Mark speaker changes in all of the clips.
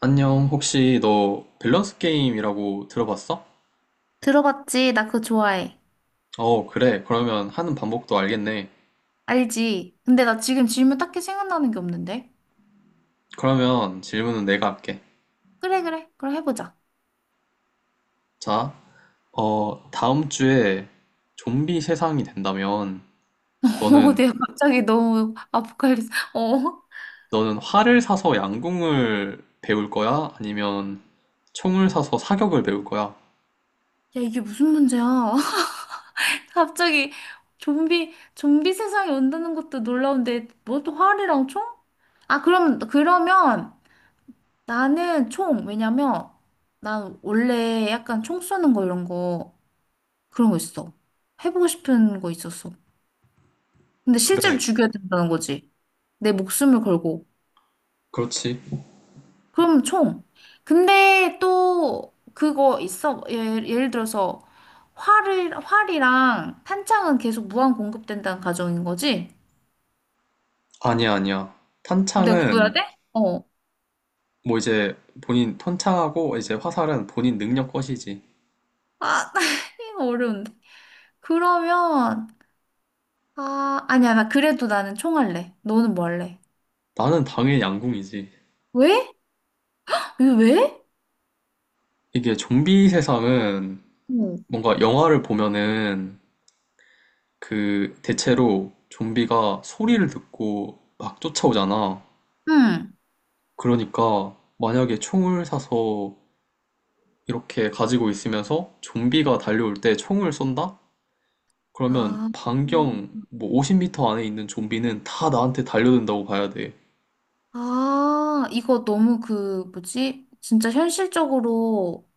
Speaker 1: 안녕, 혹시 너 밸런스 게임이라고 들어봤어?
Speaker 2: 들어봤지? 나 그거 좋아해.
Speaker 1: 어, 그래. 그러면 하는 방법도 알겠네.
Speaker 2: 알지? 근데 나 지금 질문 딱히 생각나는 게 없는데?
Speaker 1: 그러면 질문은 내가 할게.
Speaker 2: 그래, 그래. 그럼 해보자.
Speaker 1: 자, 다음 주에 좀비 세상이 된다면 너는,
Speaker 2: 내가 갑자기 너무 아포칼립스. 어?
Speaker 1: 너는 활을 사서 양궁을 배울 거야? 아니면 총을 사서 사격을 배울 거야?
Speaker 2: 야, 이게 무슨 문제야? 갑자기 좀비 세상이 온다는 것도 놀라운데, 뭐 또 활이랑 총? 아, 그러면 나는 총. 왜냐면 난 원래 약간 총 쏘는 거 이런 거, 그런 거 있어. 해보고 싶은 거 있었어. 근데
Speaker 1: 그래.
Speaker 2: 실제로 죽여야 된다는 거지. 내 목숨을 걸고.
Speaker 1: 그렇지.
Speaker 2: 그럼 총. 근데 또 그거 있어. 예를 들어서 활이랑 탄창은 계속 무한 공급된다는 가정인 거지?
Speaker 1: 아니야, 아니야.
Speaker 2: 내가 구해야
Speaker 1: 탄창은
Speaker 2: 돼? 어.
Speaker 1: 뭐 이제 본인 탄창하고 이제 화살은 본인 능력 것이지.
Speaker 2: 아, 이거 어려운데. 그러면, 아, 아니야. 나 그래도 나는 총 할래. 너는 뭐 할래?
Speaker 1: 나는 당연히 양궁이지.
Speaker 2: 왜? 이거 왜?
Speaker 1: 이게 좀비 세상은
Speaker 2: 응.
Speaker 1: 뭔가 영화를 보면은 그 대체로 좀비가 소리를 듣고 막 쫓아오잖아.
Speaker 2: 응.
Speaker 1: 그러니까 만약에 총을 사서 이렇게 가지고 있으면서 좀비가 달려올 때 총을 쏜다? 그러면
Speaker 2: 아, 음.
Speaker 1: 반경 뭐 50m 안에 있는 좀비는 다 나한테 달려든다고 봐야 돼.
Speaker 2: 아, 이거 너무 그, 뭐지? 진짜 현실적으로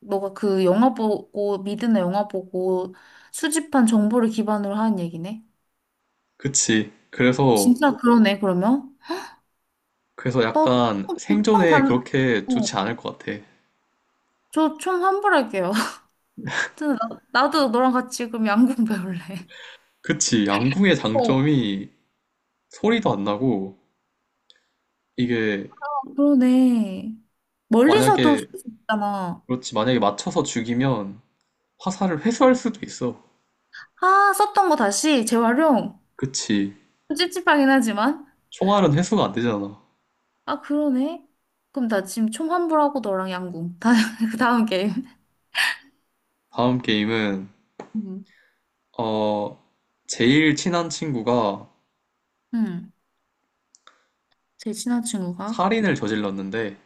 Speaker 2: 너가 그 영화 보고 미드나 영화 보고 수집한 정보를 기반으로 하는 얘기네.
Speaker 1: 그치. 그래서,
Speaker 2: 진짜 그러네 그러면.
Speaker 1: 그래서 약간 생존에
Speaker 2: 너총반
Speaker 1: 그렇게
Speaker 2: 어,
Speaker 1: 좋지 않을 것 같아.
Speaker 2: 저 총 환불할게요. 하여튼 나도 너랑 같이 그럼 양궁 배울래.
Speaker 1: 그치. 양궁의
Speaker 2: 어,
Speaker 1: 장점이 소리도 안 나고 이게
Speaker 2: 그러네. 멀리서도
Speaker 1: 만약에
Speaker 2: 쓸 수 있잖아.
Speaker 1: 그렇지 만약에 맞춰서 죽이면 화살을 회수할 수도 있어.
Speaker 2: 아, 썼던 거 다시 재활용.
Speaker 1: 그치.
Speaker 2: 좀 찝찝하긴 하지만.
Speaker 1: 총알은 회수가 안 되잖아.
Speaker 2: 아, 그러네. 그럼 나 지금 총 환불하고 너랑 양궁. 다, 그 다음 게임.
Speaker 1: 다음 게임은
Speaker 2: 음.
Speaker 1: 어 제일 친한 친구가
Speaker 2: 응. 제 친한 친구가.
Speaker 1: 살인을 저질렀는데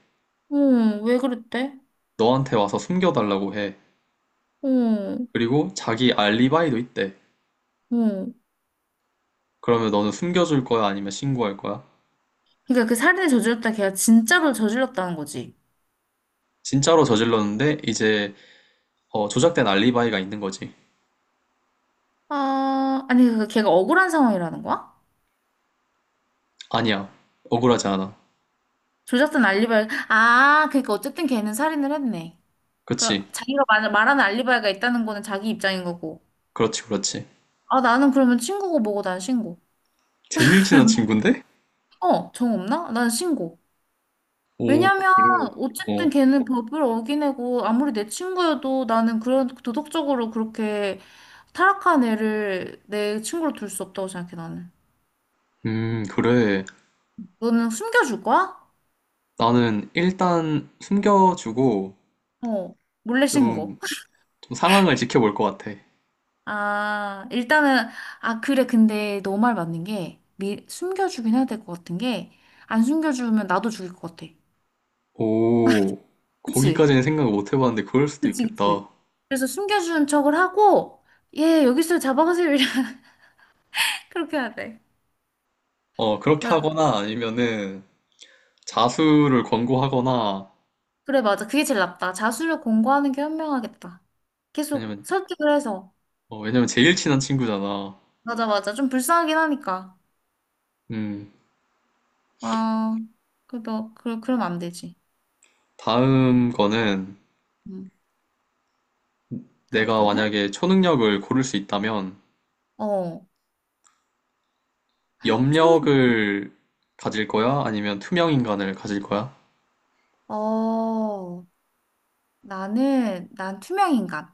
Speaker 2: 응, 왜 그랬대?
Speaker 1: 너한테 와서 숨겨달라고 해.
Speaker 2: 응,
Speaker 1: 그리고 자기 알리바이도 있대.
Speaker 2: 응.
Speaker 1: 그러면 너는 숨겨줄 거야 아니면 신고할 거야?
Speaker 2: 그러니까 그 살인을 저질렀다 걔가 진짜로 저질렀다는 거지.
Speaker 1: 진짜로 저질렀는데 이제 조작된 알리바이가 있는 거지.
Speaker 2: 아, 아니 그 걔가 억울한 상황이라는 거야?
Speaker 1: 아니야. 억울하지 않아.
Speaker 2: 조작된 알리바이. 아, 그러니까 어쨌든 걔는 살인을 했네. 그
Speaker 1: 그치.
Speaker 2: 자기가 말하는 알리바이가 있다는 거는 자기 입장인 거고.
Speaker 1: 그렇지, 그렇지.
Speaker 2: 아, 나는 그러면 친구고 뭐고 난 신고.
Speaker 1: 제일 친한 친구인데?
Speaker 2: 어, 정 없나? 난 신고.
Speaker 1: 오,
Speaker 2: 왜냐면
Speaker 1: 그래.
Speaker 2: 어쨌든
Speaker 1: 어.
Speaker 2: 걔는 법을 어기내고 아무리 내 친구여도 나는 그런 도덕적으로 그렇게 타락한 애를 내 친구로 둘 수 없다고 생각해 나는.
Speaker 1: 그래.
Speaker 2: 너는 숨겨줄 거야?
Speaker 1: 나는 일단 숨겨주고
Speaker 2: 어, 몰래
Speaker 1: 좀,
Speaker 2: 신고.
Speaker 1: 좀 상황을 지켜볼 것 같아.
Speaker 2: 아, 일단은 아 그래 근데 너 말 맞는 게 미, 숨겨주긴 해야 될 것 같은 게 안 숨겨주면 나도 죽일 것 같아.
Speaker 1: 오,
Speaker 2: 그치?
Speaker 1: 거기까지는 생각을 못 해봤는데 그럴 수도
Speaker 2: 그치 그치.
Speaker 1: 있겠다.
Speaker 2: 그래서 숨겨준 척을 하고 얘 여기서 잡아가세요. 이래. 그렇게 해야 돼.
Speaker 1: 그렇게 하거나 아니면은 자수를 권고하거나
Speaker 2: 그래, 맞아. 그게 제일 낫다. 자수를 공고하는 게 현명하겠다. 계속
Speaker 1: 아니면,
Speaker 2: 설득을 해서.
Speaker 1: 왜냐면 제일 친한 친구잖아.
Speaker 2: 맞아, 맞아. 좀 불쌍하긴 하니까.
Speaker 1: 음,
Speaker 2: 아, 그래도 그럼 안 되지.
Speaker 1: 다음 거는
Speaker 2: 음, 다음
Speaker 1: 내가
Speaker 2: 거는?
Speaker 1: 만약에 초능력을 고를 수 있다면
Speaker 2: 어, 촌,
Speaker 1: 염력을 가질 거야? 아니면 투명 인간을 가질 거야?
Speaker 2: 어, 난 투명인간.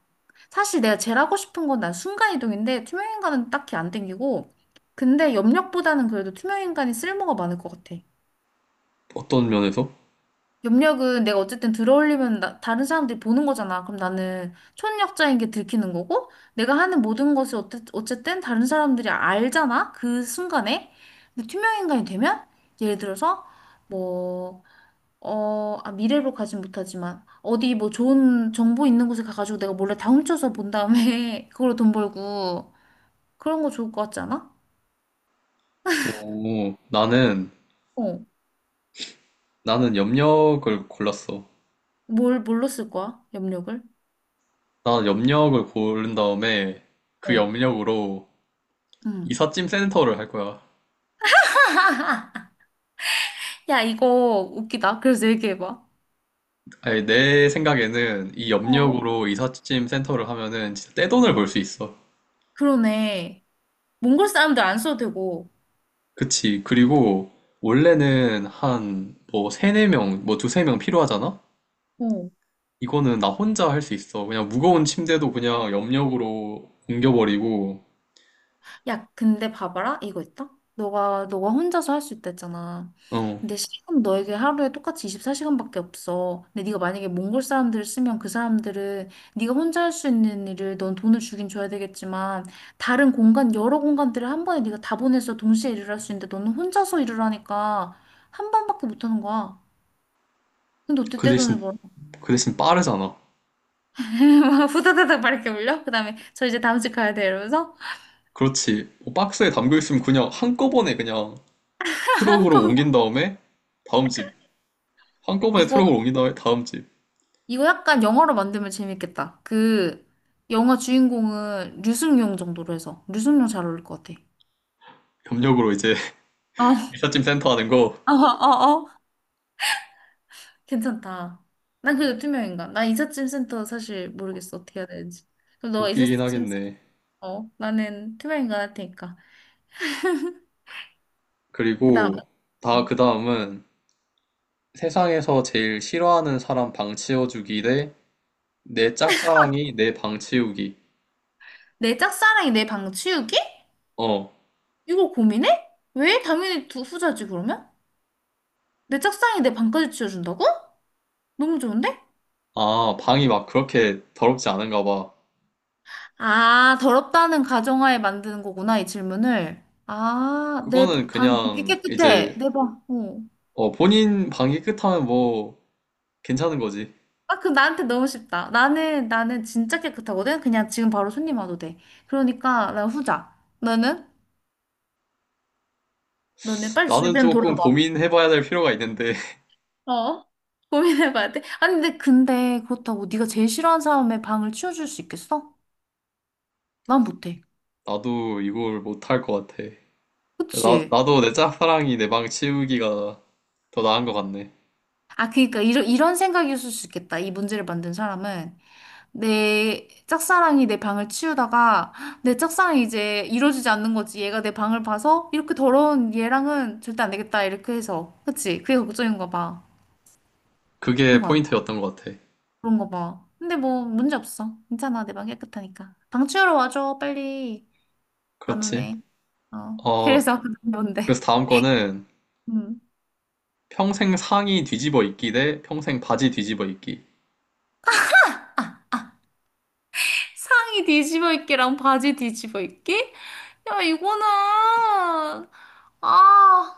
Speaker 2: 사실 내가 제일 하고 싶은 건 난 순간이동인데, 투명인간은 딱히 안 땡기고, 근데 염력보다는 그래도 투명인간이 쓸모가 많을 것 같아.
Speaker 1: 어떤 면에서?
Speaker 2: 염력은 내가 어쨌든 들어올리면 나- 다른 사람들이 보는 거잖아. 그럼 나는 촌력자인 게 들키는 거고, 내가 하는 모든 것을 어때, 어쨌든 다른 사람들이 알잖아. 그 순간에. 근데 투명인간이 되면, 예를 들어서, 뭐, 어, 아, 미래로 가진 못하지만, 어디 뭐 좋은 정보 있는 곳에 가가지고 내가 몰래 다 훔쳐서 본 다음에, 그걸로 돈 벌고, 그런 거 좋을 것 같지 않아?
Speaker 1: 오, 나는,
Speaker 2: 어.
Speaker 1: 나는 염력을 골랐어.
Speaker 2: 뭘로 쓸 거야? 염력을?
Speaker 1: 나는 염력을 고른 다음에 그
Speaker 2: 어.
Speaker 1: 염력으로
Speaker 2: 음.
Speaker 1: 이삿짐 센터를 할 거야.
Speaker 2: 야, 이거 웃기다. 그래서 얘기해봐.
Speaker 1: 아니, 내 생각에는 이
Speaker 2: 어,
Speaker 1: 염력으로 이삿짐 센터를 하면은 진짜 떼돈을 벌 수 있어.
Speaker 2: 그러네. 몽골 사람들 안 써도 되고.
Speaker 1: 그치. 그리고 원래는 한 뭐 세네 명, 뭐 두세 명 필요하잖아?
Speaker 2: 어.
Speaker 1: 이거는 나 혼자 할 수 있어. 그냥 무거운 침대도 그냥 염력으로 옮겨버리고,
Speaker 2: 야, 근데 봐봐라. 이거 있다. 너가 혼자서 할 수 있다 했잖아.
Speaker 1: 어,
Speaker 2: 근데 시간 너에게 하루에 똑같이 24시간밖에 없어. 근데 네가 만약에 몽골 사람들을 쓰면 그 사람들은 네가 혼자 할 수 있는 일을 넌 돈을 주긴 줘야 되겠지만 다른 공간, 여러 공간들을 한 번에 네가 다 보내서 동시에 일을 할 수 있는데 너는 혼자서 일을 하니까 한 번밖에 못 하는 거야. 근데 어떻게
Speaker 1: 그
Speaker 2: 떼돈을
Speaker 1: 대신,
Speaker 2: 벌어?
Speaker 1: 그 대신 빠르잖아.
Speaker 2: 후다다닥 막 이렇게 올려? 그다음에 저 이제 다음 집 가야 돼 이러면서
Speaker 1: 그렇지. 뭐 박스에 담겨 있으면 그냥 한꺼번에 그냥
Speaker 2: 한국
Speaker 1: 트럭으로 옮긴 다음에 다음 집. 한꺼번에
Speaker 2: 이거
Speaker 1: 트럭으로 옮긴 다음에 다음 집.
Speaker 2: 이거 약간 영어로 만들면 재밌겠다. 그 영화 주인공은 류승룡 정도로 해서 류승룡 잘 어울릴 것 같아.
Speaker 1: 협력으로 이제
Speaker 2: 어, 어,
Speaker 1: 미사짐 센터 하는 거
Speaker 2: 어, 어. 괜찮다. 난 그래도 투명인간. 나 이삿짐 센터 사실 모르겠어 어떻게 해야 되는지. 그럼 너
Speaker 1: 웃기긴
Speaker 2: 이삿짐 센터.
Speaker 1: 하겠네.
Speaker 2: 어, 나는 투명인간 할 테니까. 그다음
Speaker 1: 그리고 다
Speaker 2: 음.
Speaker 1: 그 다음은 세상에서 제일 싫어하는 사람 방 치워주기 대 내 짝사랑이 내 방 치우기.
Speaker 2: 내 짝사랑이 내 방 치우기?
Speaker 1: 어.
Speaker 2: 이거 고민해? 왜? 당연히 두 후자지 그러면? 내 짝사랑이 내 방까지 치워준다고? 너무 좋은데?
Speaker 1: 아, 방이 막 그렇게 더럽지 않은가 봐.
Speaker 2: 아, 더럽다는 가정하에 만드는 거구나, 이 질문을. 아, 내
Speaker 1: 그거는
Speaker 2: 방 되게
Speaker 1: 그냥
Speaker 2: 깨끗해.
Speaker 1: 이제
Speaker 2: 내 방. 어.
Speaker 1: 본인 방이 깨끗하면 뭐 괜찮은 거지.
Speaker 2: 아, 그 나한테 너무 쉽다. 나는 진짜 깨끗하거든? 그냥 지금 바로 손님 와도 돼. 그러니까 난 후자. 너는? 너는 빨리
Speaker 1: 나는
Speaker 2: 주변
Speaker 1: 조금
Speaker 2: 돌아봐.
Speaker 1: 고민해봐야 될 필요가 있는데,
Speaker 2: 어? 고민해봐야 돼. 아니, 근데 그렇다고 네가 제일 싫어하는 사람의 방을 치워줄 수 있겠어? 난 못해.
Speaker 1: 나도 이걸 못할 것 같아. 나,
Speaker 2: 그치?
Speaker 1: 나도 내 짝사랑이 내 방 치우기가 더 나은 것 같네.
Speaker 2: 아, 그러니까 이런 생각이었을 수 있겠다. 이 문제를 만든 사람은. 내 짝사랑이 내 방을 치우다가 내 짝사랑이 이제 이루어지지 않는 거지. 얘가 내 방을 봐서 이렇게 더러운 얘랑은 절대 안 되겠다. 이렇게 해서. 그치? 그게 걱정인가 봐. 그런
Speaker 1: 그게
Speaker 2: 거 아니야?
Speaker 1: 포인트였던 것 같아.
Speaker 2: 그런 거 봐. 근데 뭐 문제 없어. 괜찮아. 내 방 깨끗하니까. 방 치우러 와줘. 빨리. 안
Speaker 1: 그렇지.
Speaker 2: 오네. 어.
Speaker 1: 어,
Speaker 2: 그래서 뭔데?
Speaker 1: 그래서 다음 거는
Speaker 2: 음.
Speaker 1: 평생 상의 뒤집어 입기 대 평생 바지 뒤집어 입기.
Speaker 2: 상의 뒤집어 입기랑 바지 뒤집어 입기? 야, 이거는, 아,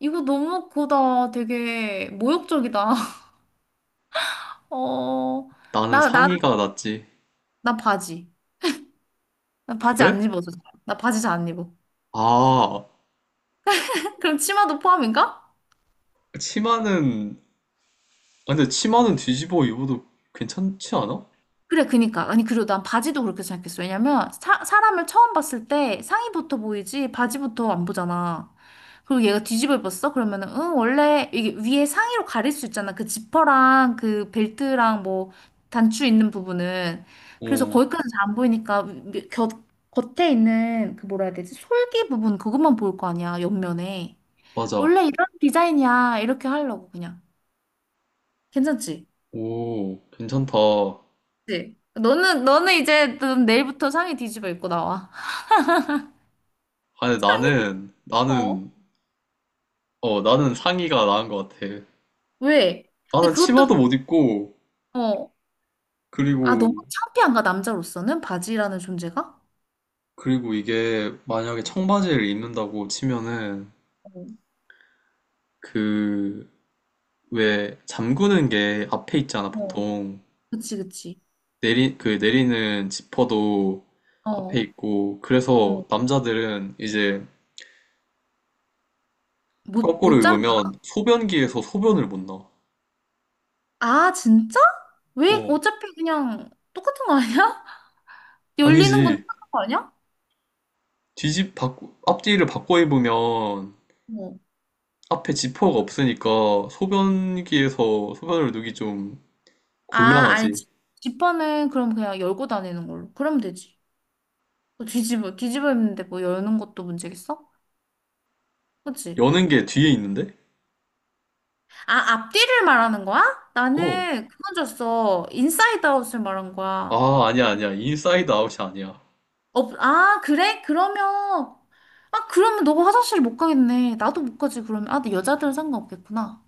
Speaker 2: 이거 너무 그거다. 되게 모욕적이다. 어,
Speaker 1: 나는
Speaker 2: 나, 나,
Speaker 1: 상의가 낫지.
Speaker 2: 나 바지. 나 바지
Speaker 1: 그래?
Speaker 2: 안 입어서. 잘- 나 바지 잘 안 입어.
Speaker 1: 아,
Speaker 2: 그럼 치마도 포함인가?
Speaker 1: 치마는, 근데 치마는 뒤집어 입어도 괜찮지 않아?
Speaker 2: 그래, 그니까. 아니, 그리고 난 바지도 그렇게 생각했어. 왜냐면, 사람을 처음 봤을 때 상의부터 보이지, 바지부터 안 보잖아. 그리고 얘가 뒤집어 입었어? 그러면은, 응, 원래 이게 위에 상의로 가릴 수 있잖아. 그 지퍼랑 그 벨트랑 뭐, 단추 있는 부분은. 그래서
Speaker 1: 어,
Speaker 2: 거기까지 잘 안 보이니까, 위- 곁, 겉에 있는 그 뭐라 해야 되지? 솔기 부분, 그것만 보일 거 아니야, 옆면에.
Speaker 1: 맞아.
Speaker 2: 원래 이런 디자인이야. 이렇게 하려고 그냥. 괜찮지?
Speaker 1: 오, 괜찮다.
Speaker 2: 그치? 너는 이제 넌 내일부터 상의 뒤집어 입고 나와.
Speaker 1: 아니,
Speaker 2: 상의 뒤집어.
Speaker 1: 나는,
Speaker 2: 어.
Speaker 1: 나는 어, 나는 상의가 나은 것 같아.
Speaker 2: 왜?
Speaker 1: 나는
Speaker 2: 근데
Speaker 1: 치마도
Speaker 2: 그것도
Speaker 1: 못 입고,
Speaker 2: 어. 아,
Speaker 1: 그리고,
Speaker 2: 너무 창피한가 남자로서는 바지라는 존재가?
Speaker 1: 그리고 이게 만약에 청바지를 입는다고 치면은,
Speaker 2: 어.
Speaker 1: 그, 왜, 잠그는 게 앞에 있잖아,
Speaker 2: 어.
Speaker 1: 보통.
Speaker 2: 그치, 그치.
Speaker 1: 그 내리는 지퍼도
Speaker 2: 어.
Speaker 1: 앞에
Speaker 2: 어.
Speaker 1: 있고, 그래서 남자들은 이제 거꾸로
Speaker 2: 못못 잠가?
Speaker 1: 입으면 소변기에서 소변을 못 넣어.
Speaker 2: 아, 진짜? 왜?
Speaker 1: 어,
Speaker 2: 어차피 그냥 똑같은 거 아니야? 열리는 건
Speaker 1: 아니지.
Speaker 2: 똑같은 거 아니야?
Speaker 1: 앞뒤를 바꿔 입으면
Speaker 2: 어.
Speaker 1: 앞에 지퍼가 없으니까 소변기에서 소변을 누기 좀
Speaker 2: 아, 아니,
Speaker 1: 곤란하지.
Speaker 2: 지- 지퍼는 그럼 그냥 열고 다니는 걸로. 그러면 되지. 뭐 뒤집어 입는데 뭐 여는 것도 문제겠어? 그치?
Speaker 1: 여는 게 뒤에 있는데?
Speaker 2: 아, 앞뒤를 말하는 거야?
Speaker 1: 어.
Speaker 2: 나는 그건 줬어. 인사이드 아웃을 말한 거야.
Speaker 1: 아, 아니야, 아니야. 인사이드 아웃이 아니야.
Speaker 2: 어, 아, 그래? 그러면, 아, 그러면 너가 화장실 못 가겠네. 나도 못 가지, 그러면. 아, 근데 여자들은 상관없겠구나.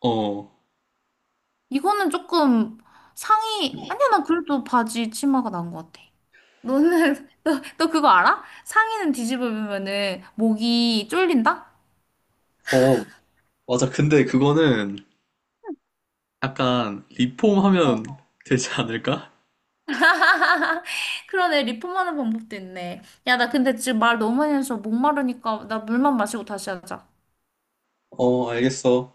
Speaker 1: 어.
Speaker 2: 이거는 조금 상의, 아니야, 난 그래도 바지 치마가 나은 것 같아. 너는, 너 그거 알아? 상의는 뒤집어 입으면은 목이 쫄린다?
Speaker 1: 어, 맞아. 근데 그거는 약간 리폼 하면 되지 않을까?
Speaker 2: 그러네. 리폼하는 방법도 있네. 야, 나 근데 지금 말 너무 많이 해서 목마르니까 나 물만 마시고 다시 하자.
Speaker 1: 어, 알겠어.